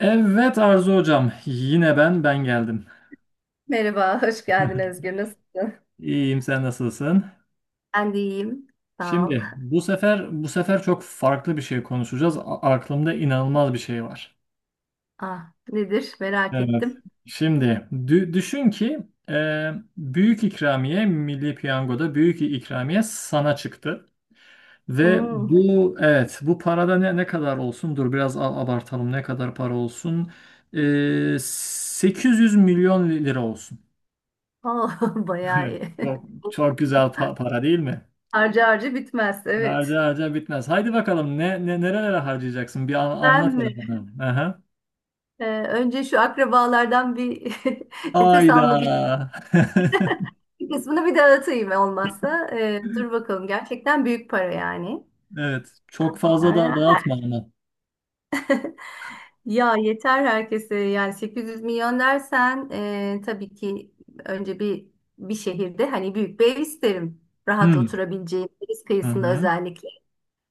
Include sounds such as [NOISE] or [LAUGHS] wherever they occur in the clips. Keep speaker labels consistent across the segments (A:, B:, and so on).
A: Evet Arzu hocam, yine ben geldim.
B: Merhaba, hoş geldin
A: [LAUGHS]
B: Özgür. Nasılsın?
A: İyiyim, sen nasılsın?
B: Ben de iyiyim. Sağ ol.
A: Şimdi bu sefer çok farklı bir şey konuşacağız. Aklımda inanılmaz bir şey var.
B: Ah, nedir? Merak
A: Evet.
B: ettim.
A: Şimdi düşün ki e, büyük ikramiye Milli Piyango'da büyük ikramiye sana çıktı. Ve
B: Hmm.
A: bu, evet, bu parada ne kadar olsun? Dur biraz, abartalım, ne kadar para olsun? 800 milyon lira olsun.
B: Oh, [LAUGHS]
A: [LAUGHS]
B: bayağı
A: Evet,
B: iyi.
A: çok çok güzel para, değil mi?
B: [LAUGHS] Harcı harcı bitmez, evet.
A: Harca harca bitmez. Haydi bakalım, ne nerelere harcayacaksın? Bir anlat
B: Ben
A: hele
B: mi?
A: bana. Aha.
B: Önce şu akrabalardan bir [LAUGHS] nefes
A: Hayda.
B: almak için
A: [LAUGHS]
B: bir kısmını bir dağıtayım olmazsa. Dur bakalım, gerçekten büyük para yani.
A: Evet. Çok fazla da dağıtma ama.
B: Ya yeter herkese yani 800 milyon dersen tabii ki önce bir şehirde hani büyük bir ev isterim. Rahat
A: Hmm.
B: oturabileceğim deniz
A: Hı
B: kıyısında
A: hı.
B: özellikle.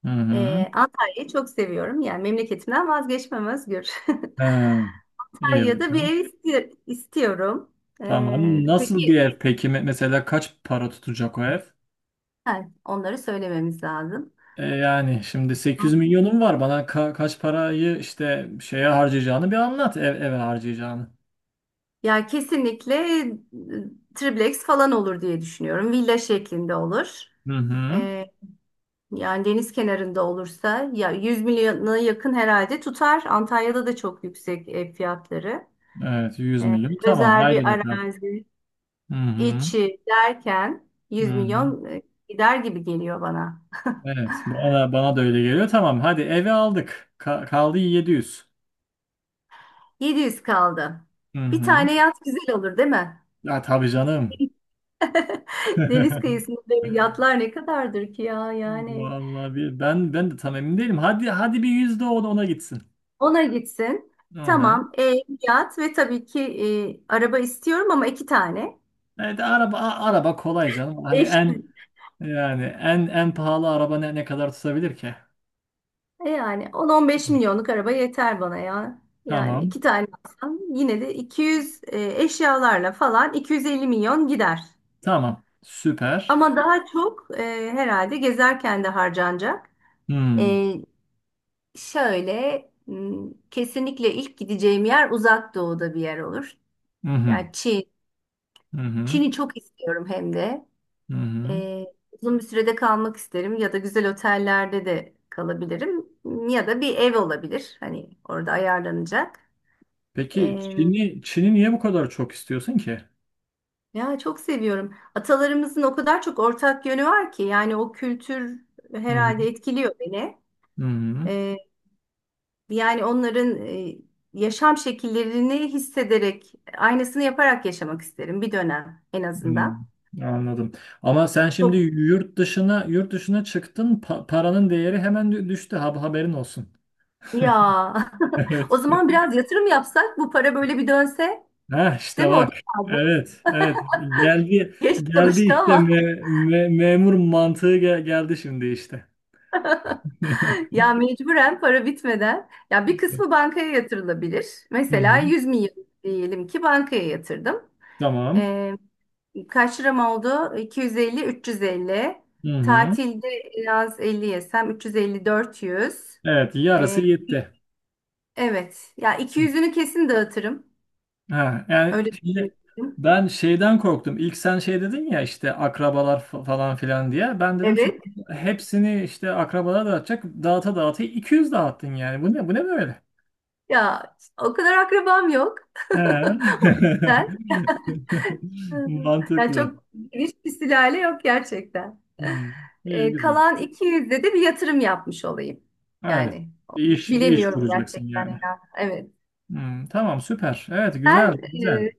A: Hı hı.
B: Antalya'yı çok seviyorum. Yani memleketimden vazgeçmem Özgür.
A: He.
B: [LAUGHS]
A: İyi
B: Antalya'da bir
A: bakalım.
B: ev istiyorum E,
A: Tamam. Nasıl bir
B: peki
A: ev peki? Mesela kaç para tutacak o ev?
B: ha, onları söylememiz lazım.
A: Yani şimdi 800 milyonum var. Bana kaç parayı işte şeye harcayacağını bir anlat. Eve harcayacağını.
B: Ya kesinlikle triplex falan olur diye düşünüyorum. Villa şeklinde olur.
A: Hı hı.
B: Yani deniz kenarında olursa ya 100 milyona yakın herhalde tutar. Antalya'da da çok yüksek ev fiyatları.
A: Evet, 100
B: Ee,
A: milyon. Tamam,
B: Özel
A: haydi
B: bir
A: bakalım.
B: arazi
A: Hı hı.
B: içi derken
A: Hı
B: yüz
A: hı.
B: milyon gider gibi geliyor bana.
A: Evet, bana da öyle geliyor. Tamam, hadi eve aldık. Kaldı 700.
B: 700 kaldı.
A: Hı
B: Bir
A: hı.
B: tane yat güzel olur değil mi?
A: Ya tabii canım.
B: [LAUGHS] Deniz kıyısında
A: [LAUGHS]
B: böyle yatlar ne kadardır ki ya yani.
A: Vallahi bir, ben de tam emin değilim. Hadi hadi, bir yüzde o da ona gitsin.
B: Ona gitsin.
A: Hı hı.
B: Tamam, ev, yat ve tabii ki araba istiyorum ama iki tane.
A: Evet, araba kolay canım. Hani
B: Eş
A: en, yani en pahalı araba ne kadar tutabilir ki?
B: E Yani 10-15
A: Hı.
B: milyonluk araba yeter bana ya. Yani
A: Tamam.
B: iki tane alsam yine de 200, eşyalarla falan 250 milyon gider.
A: Tamam. Süper.
B: Ama daha çok herhalde gezerken de harcanacak.
A: Hmm.
B: E, şöyle, kesinlikle ilk gideceğim yer uzak doğuda bir yer olur.
A: Hı hı.
B: Yani Çin.
A: Hı hı.
B: Çin'i çok istiyorum hem de.
A: Hı hı.
B: E, Uzun bir sürede kalmak isterim ya da güzel otellerde de kalabilirim ya da bir ev olabilir. Hani orada ayarlanacak.
A: Peki Çin'i niye bu kadar çok istiyorsun ki?
B: Ya çok seviyorum. Atalarımızın o kadar çok ortak yönü var ki yani o kültür
A: Hı hı.
B: herhalde etkiliyor beni.
A: Hı hı.
B: Ee, Yani onların yaşam şekillerini hissederek aynısını yaparak yaşamak isterim bir dönem en
A: Hı.
B: azından.
A: Anladım. Ama sen şimdi
B: Çok
A: yurt dışına çıktın, paranın değeri hemen düştü. Haberin olsun.
B: ya,
A: [LAUGHS]
B: [LAUGHS] o
A: Evet.
B: zaman biraz yatırım yapsak bu para böyle bir dönse
A: Ha işte
B: değil mi? O da
A: bak.
B: fazla.
A: Evet, evet. Geldi
B: Geç
A: geldi
B: çalıştı
A: işte,
B: ama
A: memur mantığı geldi şimdi işte.
B: [LAUGHS]
A: [LAUGHS]
B: ya mecburen para bitmeden ya bir kısmı bankaya yatırılabilir.
A: Hı
B: Mesela
A: hı.
B: 100 milyon diyelim ki bankaya yatırdım.
A: Tamam.
B: Ee, Kaç liram oldu? 250, 350.
A: Hı hı.
B: Tatilde biraz 50 yesem 350, 400.
A: Evet,
B: Ee,
A: yarısı yetti.
B: evet. Ya 200'ünü kesin dağıtırım.
A: Ha, yani
B: Öyle
A: şimdi
B: düşünüyorum.
A: ben şeyden korktum. İlk sen şey dedin ya, işte akrabalar falan filan diye. Ben dedim şimdi
B: Evet.
A: hepsini işte akrabalara dağıtacak. Dağıta dağıta 200 dağıttın yani. Bu ne bu ne böyle?
B: Ya o kadar akrabam yok.
A: He.
B: Ben.
A: [LAUGHS]
B: Yani
A: Mantıklı.
B: çok geniş bir sülale yok gerçekten.
A: Hmm. İyi güzel.
B: Kalan 200'de de bir yatırım yapmış olayım.
A: Evet.
B: Yani
A: Bir iş
B: bilemiyorum
A: kuracaksın
B: gerçekten,
A: yani.
B: ya. Evet.
A: Hmm, tamam süper. Evet, güzel
B: Sen,
A: güzel.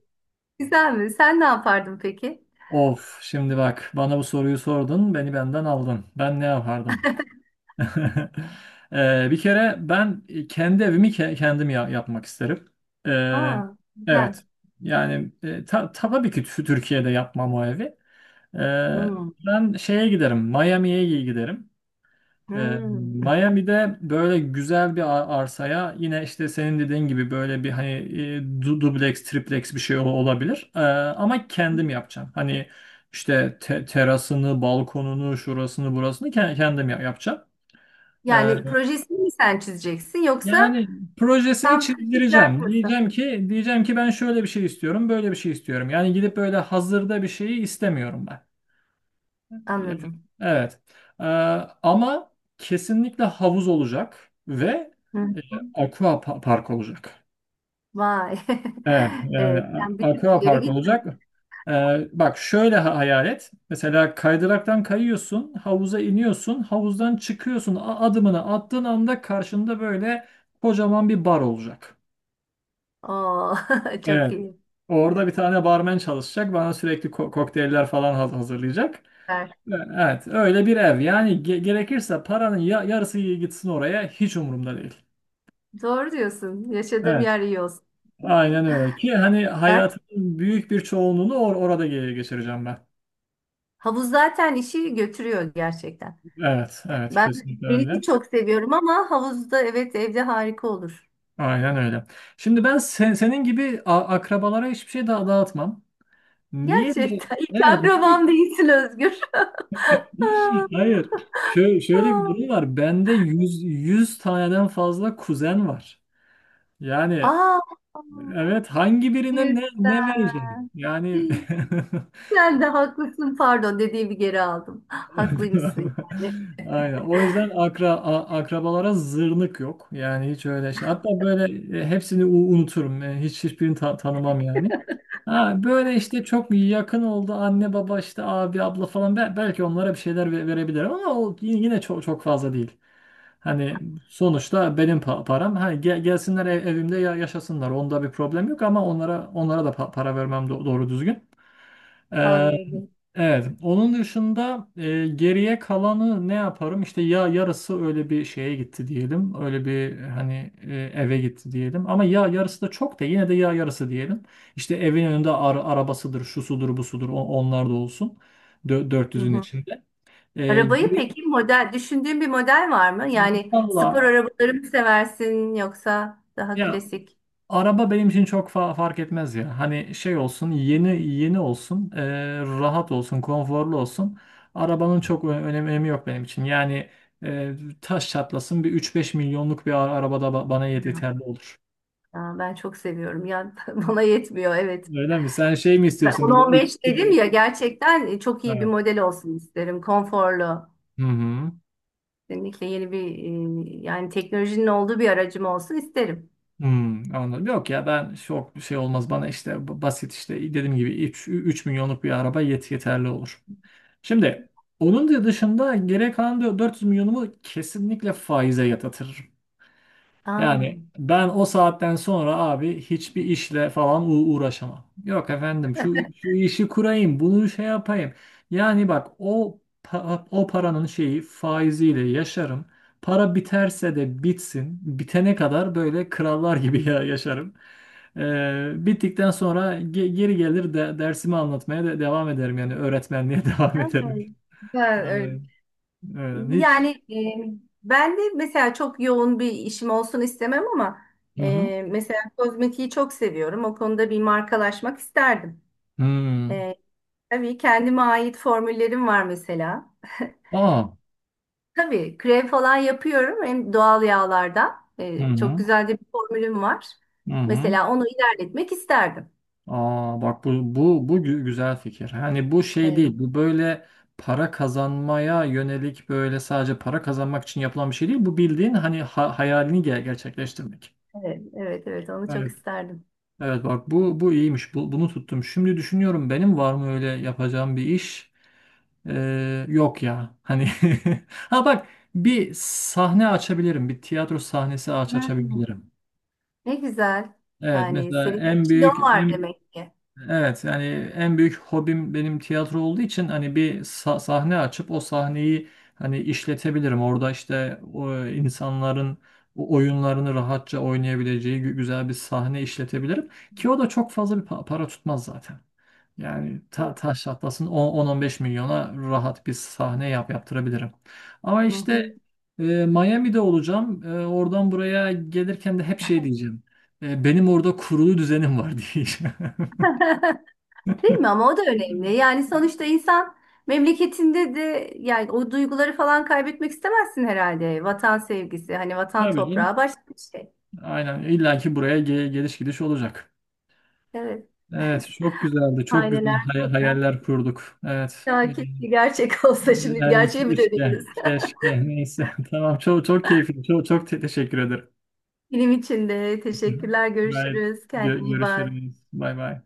B: güzel mi? Sen ne yapardın peki?
A: Of şimdi bak, bana bu soruyu sordun, beni benden aldın. Ben ne yapardım? [LAUGHS] Bir kere ben, kendi evimi kendim yapmak isterim. Ee,
B: Ha, güzel.
A: evet. Yani, tabii ki Türkiye'de yapmam o evi. Ee,
B: Hmm,
A: Ben şeye giderim, Miami'ye giderim. Ee,
B: hmm.
A: Miami'de böyle güzel bir arsaya, yine işte senin dediğin gibi böyle bir hani dubleks, triplex bir şey olabilir. Ama kendim yapacağım. Hani işte terasını, balkonunu, şurasını, burasını kendim yapacağım. Ee,
B: Yani projesini mi sen çizeceksin yoksa
A: Yani projesini
B: tam takılacak
A: çizdireceğim.
B: mısın?
A: Diyeceğim ki ben şöyle bir şey istiyorum, böyle bir şey istiyorum. Yani gidip böyle hazırda bir şeyi istemiyorum ben. Yani.
B: Anladım.
A: Evet. Ee, Ama kesinlikle havuz olacak ve
B: Hı hı.
A: e, aqua park olacak.
B: Vay.
A: Evet,
B: [LAUGHS]
A: yani,
B: Sen bir tık
A: aqua
B: ileri
A: park
B: gittim.
A: olacak. Ee, Bak şöyle hayal et. Mesela kaydıraktan kayıyorsun, havuza iniyorsun, havuzdan çıkıyorsun. Adımını attığın anda karşında böyle kocaman bir bar olacak.
B: Oo, [LAUGHS] çok
A: Evet.
B: iyi.
A: Orada bir tane barmen çalışacak. Bana sürekli kokteyller falan hazırlayacak.
B: Süper.
A: Evet, öyle bir ev. Yani gerekirse paranın yarısı gitsin oraya, hiç umurumda değil.
B: Doğru diyorsun. Yaşadığım
A: Evet,
B: yer iyi olsun.
A: aynen öyle ki hani
B: Ha,
A: hayatımın büyük bir çoğunluğunu orada geçireceğim ben.
B: havuz zaten işi götürüyor gerçekten.
A: Evet,
B: Ya,
A: evet,
B: ben
A: kesinlikle
B: denizi
A: öyle.
B: çok seviyorum ama havuzda, evet, evde harika olur.
A: Aynen öyle. Şimdi ben senin gibi akrabalara hiçbir şey daha dağıtmam. Niye diye?
B: Gerçekten. [LAUGHS] İlk
A: Evet.
B: akrabam değilsin Özgür.
A: [LAUGHS] Hayır.
B: [LAUGHS]
A: Şöyle bir
B: Aa,
A: durum var. Bende 100 taneden fazla kuzen var. Yani
B: aa,
A: evet, hangi birine
B: güzel.
A: ne verecek? Yani. [LAUGHS]
B: Sen de haklısın. Pardon dediğimi geri aldım. Haklıymışsın.
A: [LAUGHS] Aynen. O yüzden akrabalara zırnık yok. Yani hiç öyle şey. Hatta böyle, hepsini unuturum. Hiçbirini tanımam yani. Ha, böyle işte çok yakın oldu anne baba, işte abi abla falan, belki onlara bir şeyler verebilirim ama o yine çok çok fazla değil. Hani sonuçta benim param. Hani gelsinler evimde yaşasınlar. Onda bir problem yok ama onlara da para vermem doğru düzgün. Ee,
B: Anladım.
A: Evet. Onun dışında, geriye kalanı ne yaparım? İşte ya yarısı öyle bir şeye gitti diyelim. Öyle bir hani, eve gitti diyelim. Ama ya yarısı da çok da yine de ya yarısı diyelim. İşte evin önünde arabasıdır, şu sudur, bu sudur, onlar da olsun.
B: Hı
A: 400'ün
B: hı.
A: içinde.
B: Arabayı
A: Geriye-
B: peki, model, düşündüğün bir model var mı? Yani spor
A: Vallahi
B: arabaları mı seversin yoksa daha
A: ya,
B: klasik?
A: araba benim için çok fark etmez ya. Hani şey olsun, yeni yeni olsun, rahat olsun, konforlu olsun. Arabanın çok önemi yok benim için. Yani, e, taş çatlasın bir üç beş milyonluk bir arabada bana yeterli olur.
B: Aa, ben çok seviyorum. Yani [LAUGHS] bana yetmiyor, evet.
A: Öyle mi? Sen şey mi
B: Ben
A: istiyorsun böyle üç...
B: 10-15 dedim ya, gerçekten çok iyi bir
A: Ha.
B: model olsun isterim. Konforlu.
A: Hı hı.
B: Kesinlikle yeni bir, yani teknolojinin olduğu bir aracım olsun isterim.
A: Hmm, anladım. Yok ya, ben çok şey olmaz bana, işte basit işte dediğim gibi üç milyonluk bir araba yeterli olur. Şimdi onun da dışında geri kalan diyor, 400 milyonumu kesinlikle faize yatırırım.
B: Aa.
A: Yani ben o saatten sonra abi, hiçbir işle falan uğraşamam. Yok efendim, şu işi kurayım, bunu şey yapayım. Yani bak, o paranın şeyi, faiziyle yaşarım. Para biterse de bitsin. Bitene kadar böyle krallar gibi [LAUGHS] yaşarım. Bittikten sonra geri gelir de dersimi anlatmaya devam ederim, yani öğretmenliğe [LAUGHS] devam
B: Ha,
A: ederim.
B: ben öyle-
A: Evet. Aynen,
B: Yani,
A: hiç.
B: ben de mesela çok yoğun bir işim olsun istemem ama
A: Hı hı.
B: mesela kozmetiği çok seviyorum. O konuda bir markalaşmak isterdim.
A: Hmm.
B: E, tabii kendime ait formüllerim var mesela.
A: Aa.
B: Tabii krem falan yapıyorum hem doğal yağlardan.
A: Hı
B: Çok
A: hı.
B: güzel de bir formülüm var.
A: Hı hı.
B: Mesela onu ilerletmek isterdim.
A: Aa bak, bu güzel fikir. Hani bu şey
B: Evet,
A: değil. Bu böyle para kazanmaya yönelik, böyle sadece para kazanmak için yapılan bir şey değil. Bu bildiğin hani, hayalini gerçekleştirmek.
B: evet, evet, evet, onu çok
A: Evet.
B: isterdim.
A: Evet bak, bu iyiymiş. Bu, bunu tuttum. Şimdi düşünüyorum, benim var mı öyle yapacağım bir iş? Yok ya. Hani [LAUGHS] ha bak, bir sahne açabilirim. Bir tiyatro sahnesi
B: Hmm,
A: açabilirim.
B: ne güzel.
A: Evet
B: Yani
A: mesela
B: senin içinde o var demek ki.
A: evet, yani en büyük hobim benim tiyatro olduğu için hani bir sahne açıp o sahneyi hani işletebilirim. Orada işte o insanların o oyunlarını rahatça oynayabileceği güzel bir sahne işletebilirim ki o da çok fazla bir para tutmaz zaten. Yani taş çatlasın 10-15 milyona rahat bir sahne yaptırabilirim. Ama
B: Hı hı.
A: işte, Miami'de olacağım. Oradan buraya gelirken de hep şey diyeceğim. Benim orada kurulu düzenim var [LAUGHS] diyeceğim.
B: Değil mi? Ama o da önemli. Yani sonuçta insan memleketinde de yani o duyguları falan kaybetmek istemezsin herhalde. Vatan sevgisi, hani vatan
A: Tabii
B: toprağı
A: canım.
B: başka bir şey.
A: Aynen, illa ki buraya geliş gidiş olacak.
B: Evet.
A: Evet, çok güzeldi. Çok güzel
B: Aileler burada.
A: hayaller kurduk. Evet.
B: Ya keşke gerçek [LAUGHS] olsa, şimdi
A: Yani
B: gerçeğe mi
A: keşke,
B: dönüyoruz? [LAUGHS]
A: keşke neyse. [LAUGHS] Tamam, çok çok keyifli. Çok çok teşekkür ederim.
B: Benim için de
A: Hı hı.
B: teşekkürler.
A: Gayet
B: Görüşürüz. Kendine iyi bak.
A: görüşürüz. Bay bay.